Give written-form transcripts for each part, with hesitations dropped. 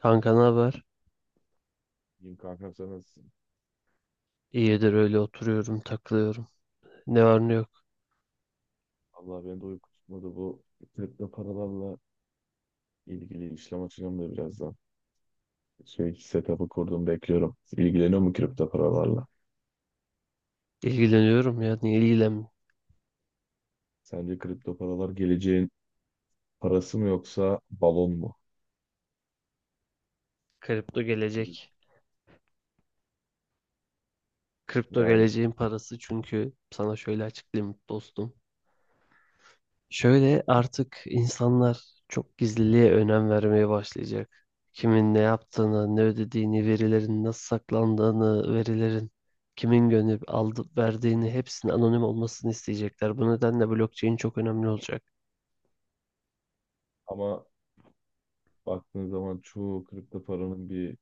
Kanka ne haber? İyiyim kankam, sen nasılsın? İyidir öyle oturuyorum, takılıyorum. Ne var ne yok. Allah, beni de uyku tutmadı, bu kripto paralarla ilgili işlem açacağım da birazdan. Şey, setup'ı kurdum, bekliyorum. İlgileniyor mu kripto paralarla? İlgileniyorum ya. Niye ilgilen? Sence kripto paralar geleceğin parası mı yoksa balon mu? Kripto gelecek. Kripto Yani geleceğin parası çünkü sana şöyle açıklayayım dostum. Şöyle artık insanlar çok gizliliğe önem vermeye başlayacak. Kimin ne yaptığını, ne ödediğini, verilerin nasıl saklandığını, verilerin kimin gönderip aldı, verdiğini hepsinin anonim olmasını isteyecekler. Bu nedenle blockchain çok önemli olacak. ama baktığın zaman çoğu kripto paranın bir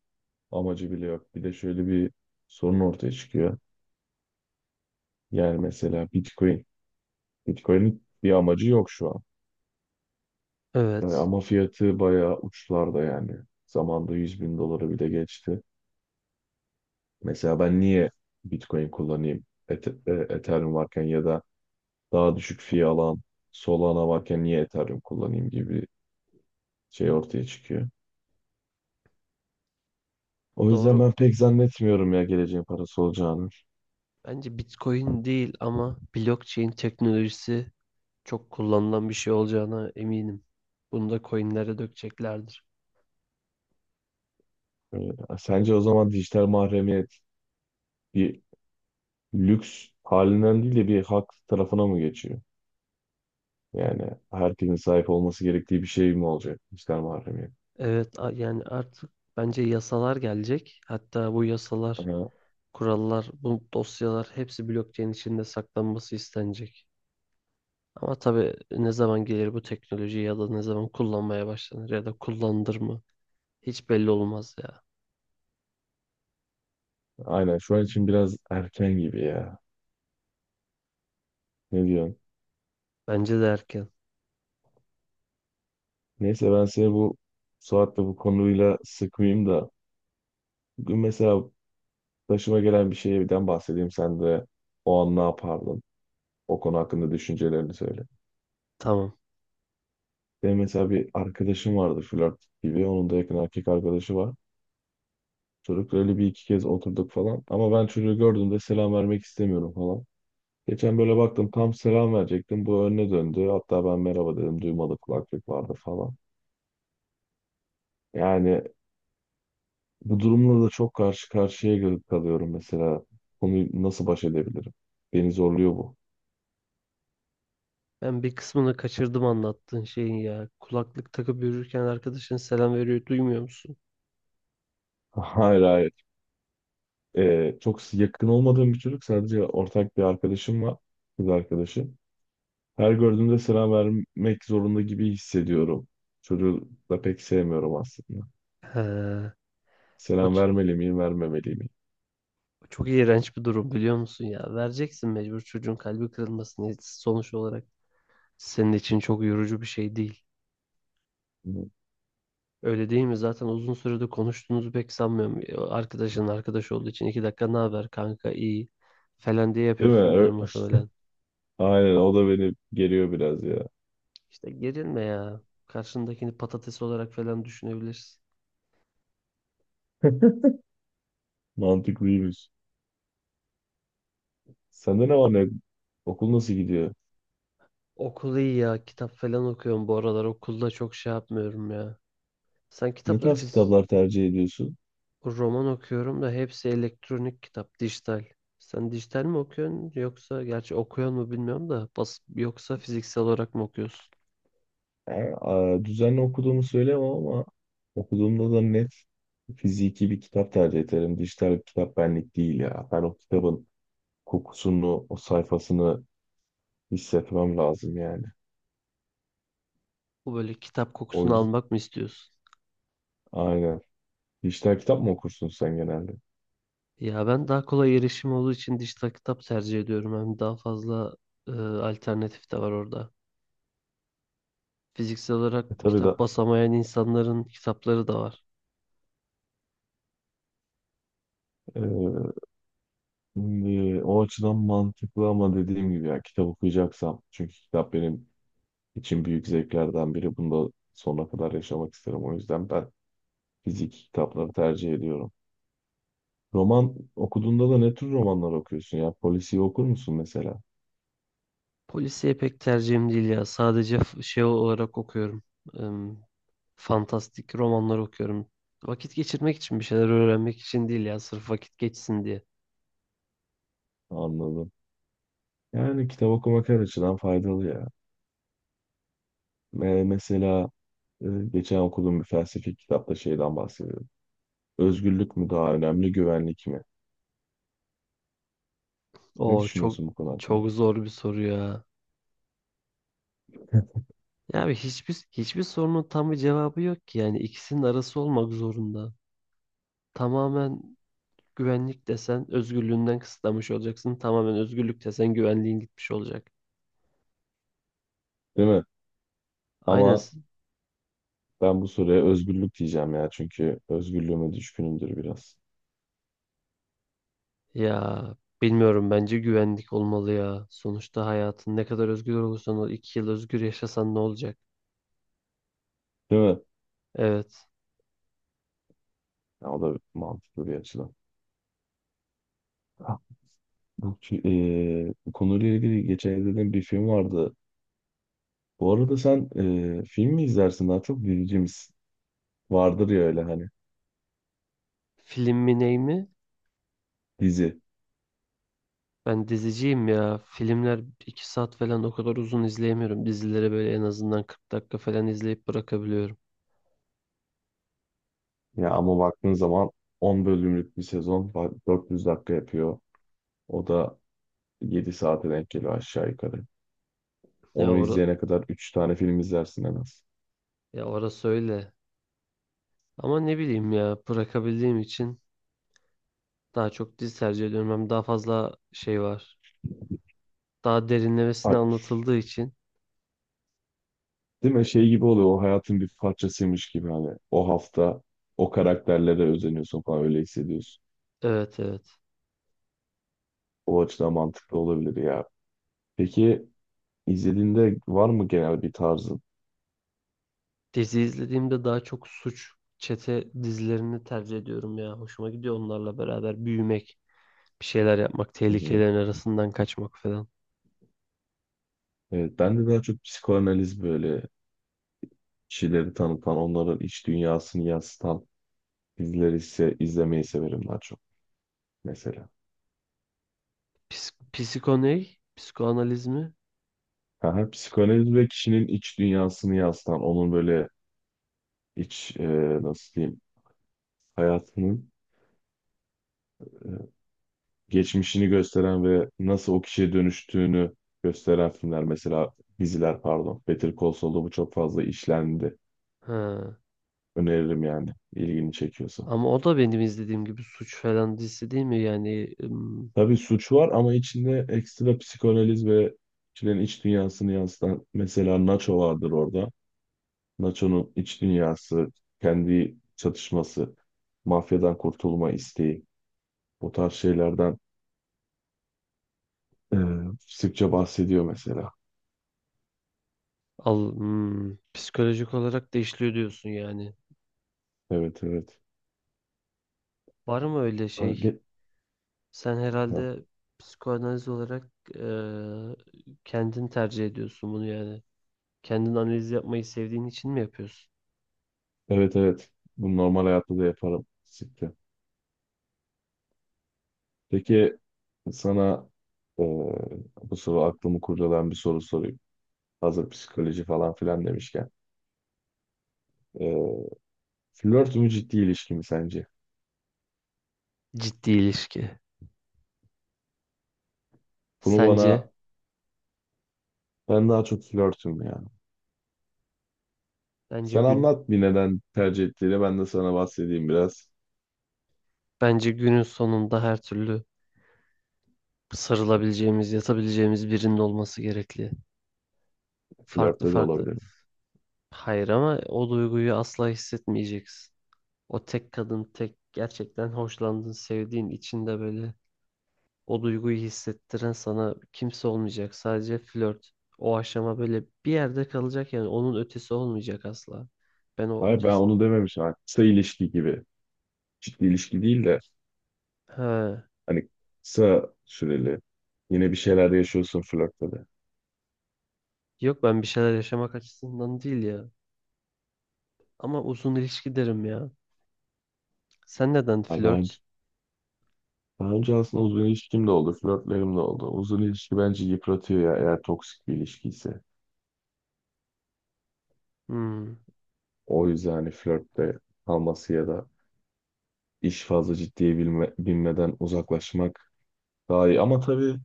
amacı bile yok. Bir de şöyle bir sorun ortaya çıkıyor. Yani mesela Bitcoin. Bitcoin'in bir amacı yok şu an. Evet, Ama fiyatı bayağı uçlarda yani. Zamanında 100 bin doları bile geçti. Mesela ben niye Bitcoin kullanayım? Ethereum varken ya da daha düşük fee alan Solana varken niye Ethereum kullanayım gibi bir şey ortaya çıkıyor. O yüzden doğru. ben pek zannetmiyorum ya geleceğin parası olacağını. Bence Bitcoin değil ama blockchain teknolojisi çok kullanılan bir şey olacağına eminim. Bunu da coinlere dökeceklerdir. Ee, Sence o zaman dijital mahremiyet bir lüks halinden değil de bir hak tarafına mı geçiyor? Yani herkesin sahip olması gerektiği bir şey mi olacak dijital mahremiyet? Evet, yani artık bence yasalar gelecek. Hatta bu yasalar, Ama kurallar, bu dosyalar hepsi blockchain içinde saklanması istenecek. Ama tabii ne zaman gelir bu teknoloji ya da ne zaman kullanmaya başlanır ya da kullanılır mı hiç belli olmaz ya. aynen şu an için biraz erken gibi ya. Ne diyorsun? Bence de erken. Neyse, ben seni bu Suat'la bu konuyla sıkmayayım da bugün mesela başıma gelen bir şeyden bahsedeyim, sen de o an ne yapardın? O konu hakkında düşüncelerini söyle. Tamam. Benim mesela bir arkadaşım vardı, flört gibi. Onun da yakın erkek arkadaşı var. Çocukla öyle bir iki kez oturduk falan. Ama ben çocuğu gördüğümde selam vermek istemiyorum falan. Geçen böyle baktım, tam selam verecektim. Bu önüne döndü. Hatta ben merhaba dedim. Duymadı, kulaklık vardı falan. Yani bu durumla da çok kalıyorum mesela. Konuyu nasıl baş edebilirim? Beni zorluyor bu. Ben bir kısmını kaçırdım anlattığın şeyin ya. Kulaklık takıp yürürken arkadaşın selam veriyor, duymuyor musun? Hayır, hayır. Çok yakın olmadığım bir çocuk. Sadece ortak bir arkadaşım var. Kız arkadaşı. Her gördüğümde selam vermek zorunda gibi hissediyorum. Çocuğu da pek sevmiyorum aslında. He, o, Selam ç- vermeli miyim, vermemeli miyim? o çok iğrenç bir durum biliyor musun ya? Vereceksin mecbur, çocuğun kalbi kırılmasını sonuç olarak. Senin için çok yorucu bir şey değil. Öyle değil mi? Zaten uzun süredir konuştuğunuzu pek sanmıyorum. O arkadaşın arkadaş olduğu için 2 dakika ne haber kanka iyi falan diye Değil mi? yapıyorsunuzdur muhtemelen. Aynen, o da beni geriyor biraz ya. İşte gerilme ya. Karşındakini patates olarak falan düşünebilirsin. Mantıklıymış. Sende ne var ne? Okul nasıl gidiyor? Okul iyi ya. Kitap falan okuyorum bu aralar. Okulda çok şey yapmıyorum ya. Sen Ne kitapları tarz fiz kitaplar tercih ediyorsun? Roman okuyorum da hepsi elektronik kitap, dijital. Sen dijital mi okuyorsun yoksa gerçi okuyor mu bilmiyorum da bas yoksa fiziksel olarak mı okuyorsun? Yani, düzenli okuduğumu söylemem ama okuduğumda da net fiziki bir kitap tercih ederim. Dijital bir kitap benlik değil ya. Ben o kitabın kokusunu, o sayfasını hissetmem lazım yani. Bu böyle kitap O kokusunu yüzden almak mı istiyorsun? aynen. Dijital kitap mı okursun sen genelde? Ya ben daha kolay erişim olduğu için dijital kitap tercih ediyorum. Hem daha fazla alternatif de var orada. Fiziksel olarak Tabii da kitap basamayan insanların kitapları da var. e, o açıdan mantıklı ama dediğim gibi ya, kitap okuyacaksam, çünkü kitap benim için büyük zevklerden biri. Bunu da sonuna kadar yaşamak isterim. O yüzden ben fiziki kitapları tercih ediyorum. Roman okuduğunda da ne tür romanlar okuyorsun ya? Polisiye okur musun mesela? Polisiye pek tercihim değil ya. Sadece şey olarak okuyorum. Em, fantastik romanlar okuyorum. Vakit geçirmek için bir şeyler öğrenmek için değil ya. Sırf vakit geçsin diye. Anladım. Yani kitap okumak her açıdan faydalı ya. Mesela e, geçen okuduğum bir felsefi kitapta şeyden bahsediyor. Özgürlük mü daha önemli, güvenlik mi? Ne O çok düşünüyorsun bu konu hakkında? çok zor bir soru ya. Ya abi hiçbir sorunun tam bir cevabı yok ki. Yani ikisinin arası olmak zorunda. Tamamen güvenlik desen özgürlüğünden kısıtlamış olacaksın. Tamamen özgürlük desen güvenliğin gitmiş olacak. Değil mi? Aynen. Ama ben bu soruya özgürlük diyeceğim ya. Çünkü özgürlüğüme düşkünümdür biraz. Ya bilmiyorum, bence güvenlik olmalı ya. Sonuçta hayatın, ne kadar özgür olursan ol, 2 yıl özgür yaşasan ne olacak? Değil mi? Evet. Ya, o da mantıklı bir açıdan. Ha, Bu konuyla ilgili geçen izlediğim bir film vardı. Bu arada sen film mi izlersin daha çok, dizici misin? Vardır ya öyle hani, Film mi ney mi? dizi. Ben diziciyim ya. Filmler 2 saat falan, o kadar uzun izleyemiyorum. Dizileri böyle en azından 40 dakika falan izleyip bırakabiliyorum. Ya ama baktığın zaman 10 bölümlük bir 400 dakika yapıyor. O da 7 saate denk geliyor aşağı yukarı. Ya, Onu ora, izleyene kadar 3 tane film izlersin en az. ya orası öyle. Ama ne bileyim ya, bırakabildiğim için daha çok dizi tercih ediyorum. Hem daha fazla şey var. Daha derinlemesine anlatıldığı için. Değil mi? Şey gibi oluyor. O hayatın bir parçasıymış gibi hani. O hafta o karakterlere özeniyorsun falan, öyle hissediyorsun. Evet, evet. O açıdan mantıklı olabilir ya. Peki izlediğinde var mı genel bir tarzın? Dizi izlediğimde daha çok suç, çete dizilerini tercih ediyorum ya. Hoşuma gidiyor onlarla beraber büyümek, bir şeyler yapmak, Hı hı. tehlikelerin arasından kaçmak falan. Evet, ben de daha çok psikoanaliz, böyle kişileri tanıtan, onların iç dünyasını yansıtan dizileri ise izlemeyi severim daha çok mesela. Psiko ne? Psikoanaliz mi? Aha, psikoanaliz ve kişinin iç dünyasını yansıtan, onun böyle iç e, nasıl diyeyim, hayatının geçmişini gösteren ve nasıl o kişiye dönüştüğünü gösteren filmler, mesela diziler pardon. Better Call Saul'da bu çok fazla işlendi. Ha. Öneririm yani, ilgini çekiyorsa. Ama o da benim izlediğim gibi suç falan dizisi değil mi? Yani ım, Tabii suç var ama içinde ekstra psikanaliz ve kişilerin iç dünyasını yansıtan, mesela Nacho vardır orada. Nacho'nun iç dünyası, kendi çatışması, mafyadan kurtulma isteği, bu tarz şeylerden e, sıkça bahsediyor mesela. al, hmm, psikolojik olarak da işliyor diyorsun yani. Evet, evet. Var mı öyle Ha, şey? ge- Sen ha. herhalde psikoanaliz olarak eee kendin tercih ediyorsun bunu yani. Kendin analiz yapmayı sevdiğin için mi yapıyorsun? Evet, evet. Bunu normal hayatta da yaparım. Siktir. Peki sana e, bu soru, aklımı kurcalayan bir soru sorayım. Hazır psikoloji falan filan demişken. E, Flört mü ciddi ilişki mi sence? Ciddi ilişki. Bunu Sence, bana, ben daha çok flörtüm ya. bence Sen gün, anlat bir neden tercih ettiğini, ben de sana bahsedeyim biraz. bence günün sonunda her türlü sarılabileceğimiz, yatabileceğimiz birinin olması gerekli. Farklı Flörtte de farklı. olabilirim. Hayır, ama o duyguyu asla hissetmeyeceksin. O tek kadın, tek gerçekten hoşlandığın, sevdiğin, içinde böyle o duyguyu hissettiren sana kimse olmayacak. Sadece flört. O aşama böyle bir yerde kalacak yani, onun ötesi olmayacak asla. Ben o Hayır, ben ötesi... onu dememişim. Hani kısa ilişki gibi. Ciddi ilişki değil de He. hani kısa süreli. Yine bir şeyler yaşıyorsun flörtte de. Yok, ben bir şeyler yaşamak açısından değil ya. Ama uzun ilişki derim ya. Sen neden Ya Daha önce, flört? daha önce aslında uzun ilişkim de oldu, flörtlerim de oldu. Uzun ilişki bence yıpratıyor ya, eğer toksik bir ilişki ise. Hmm, O yüzden hani flörtte kalması ya da iş fazla ciddiye binmeden uzaklaşmak daha iyi. Ama tabii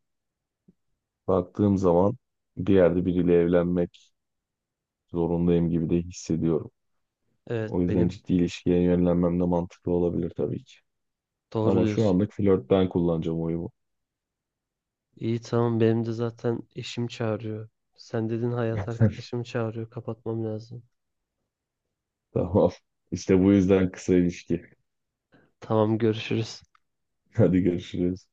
baktığım zaman bir yerde biriyle evlenmek zorundayım gibi de hissediyorum. O evet, yüzden ciddi ilişkiye yönlenmem de mantıklı olabilir tabii ki. doğru Ama şu diyorsun. anlık flört, ben kullanacağım oyumu. İyi, tamam, benim de zaten eşim çağırıyor. Sen dedin, hayat arkadaşım çağırıyor. Kapatmam lazım. Tamam. İşte bu yüzden kısa ilişki. Tamam, görüşürüz. Hadi görüşürüz.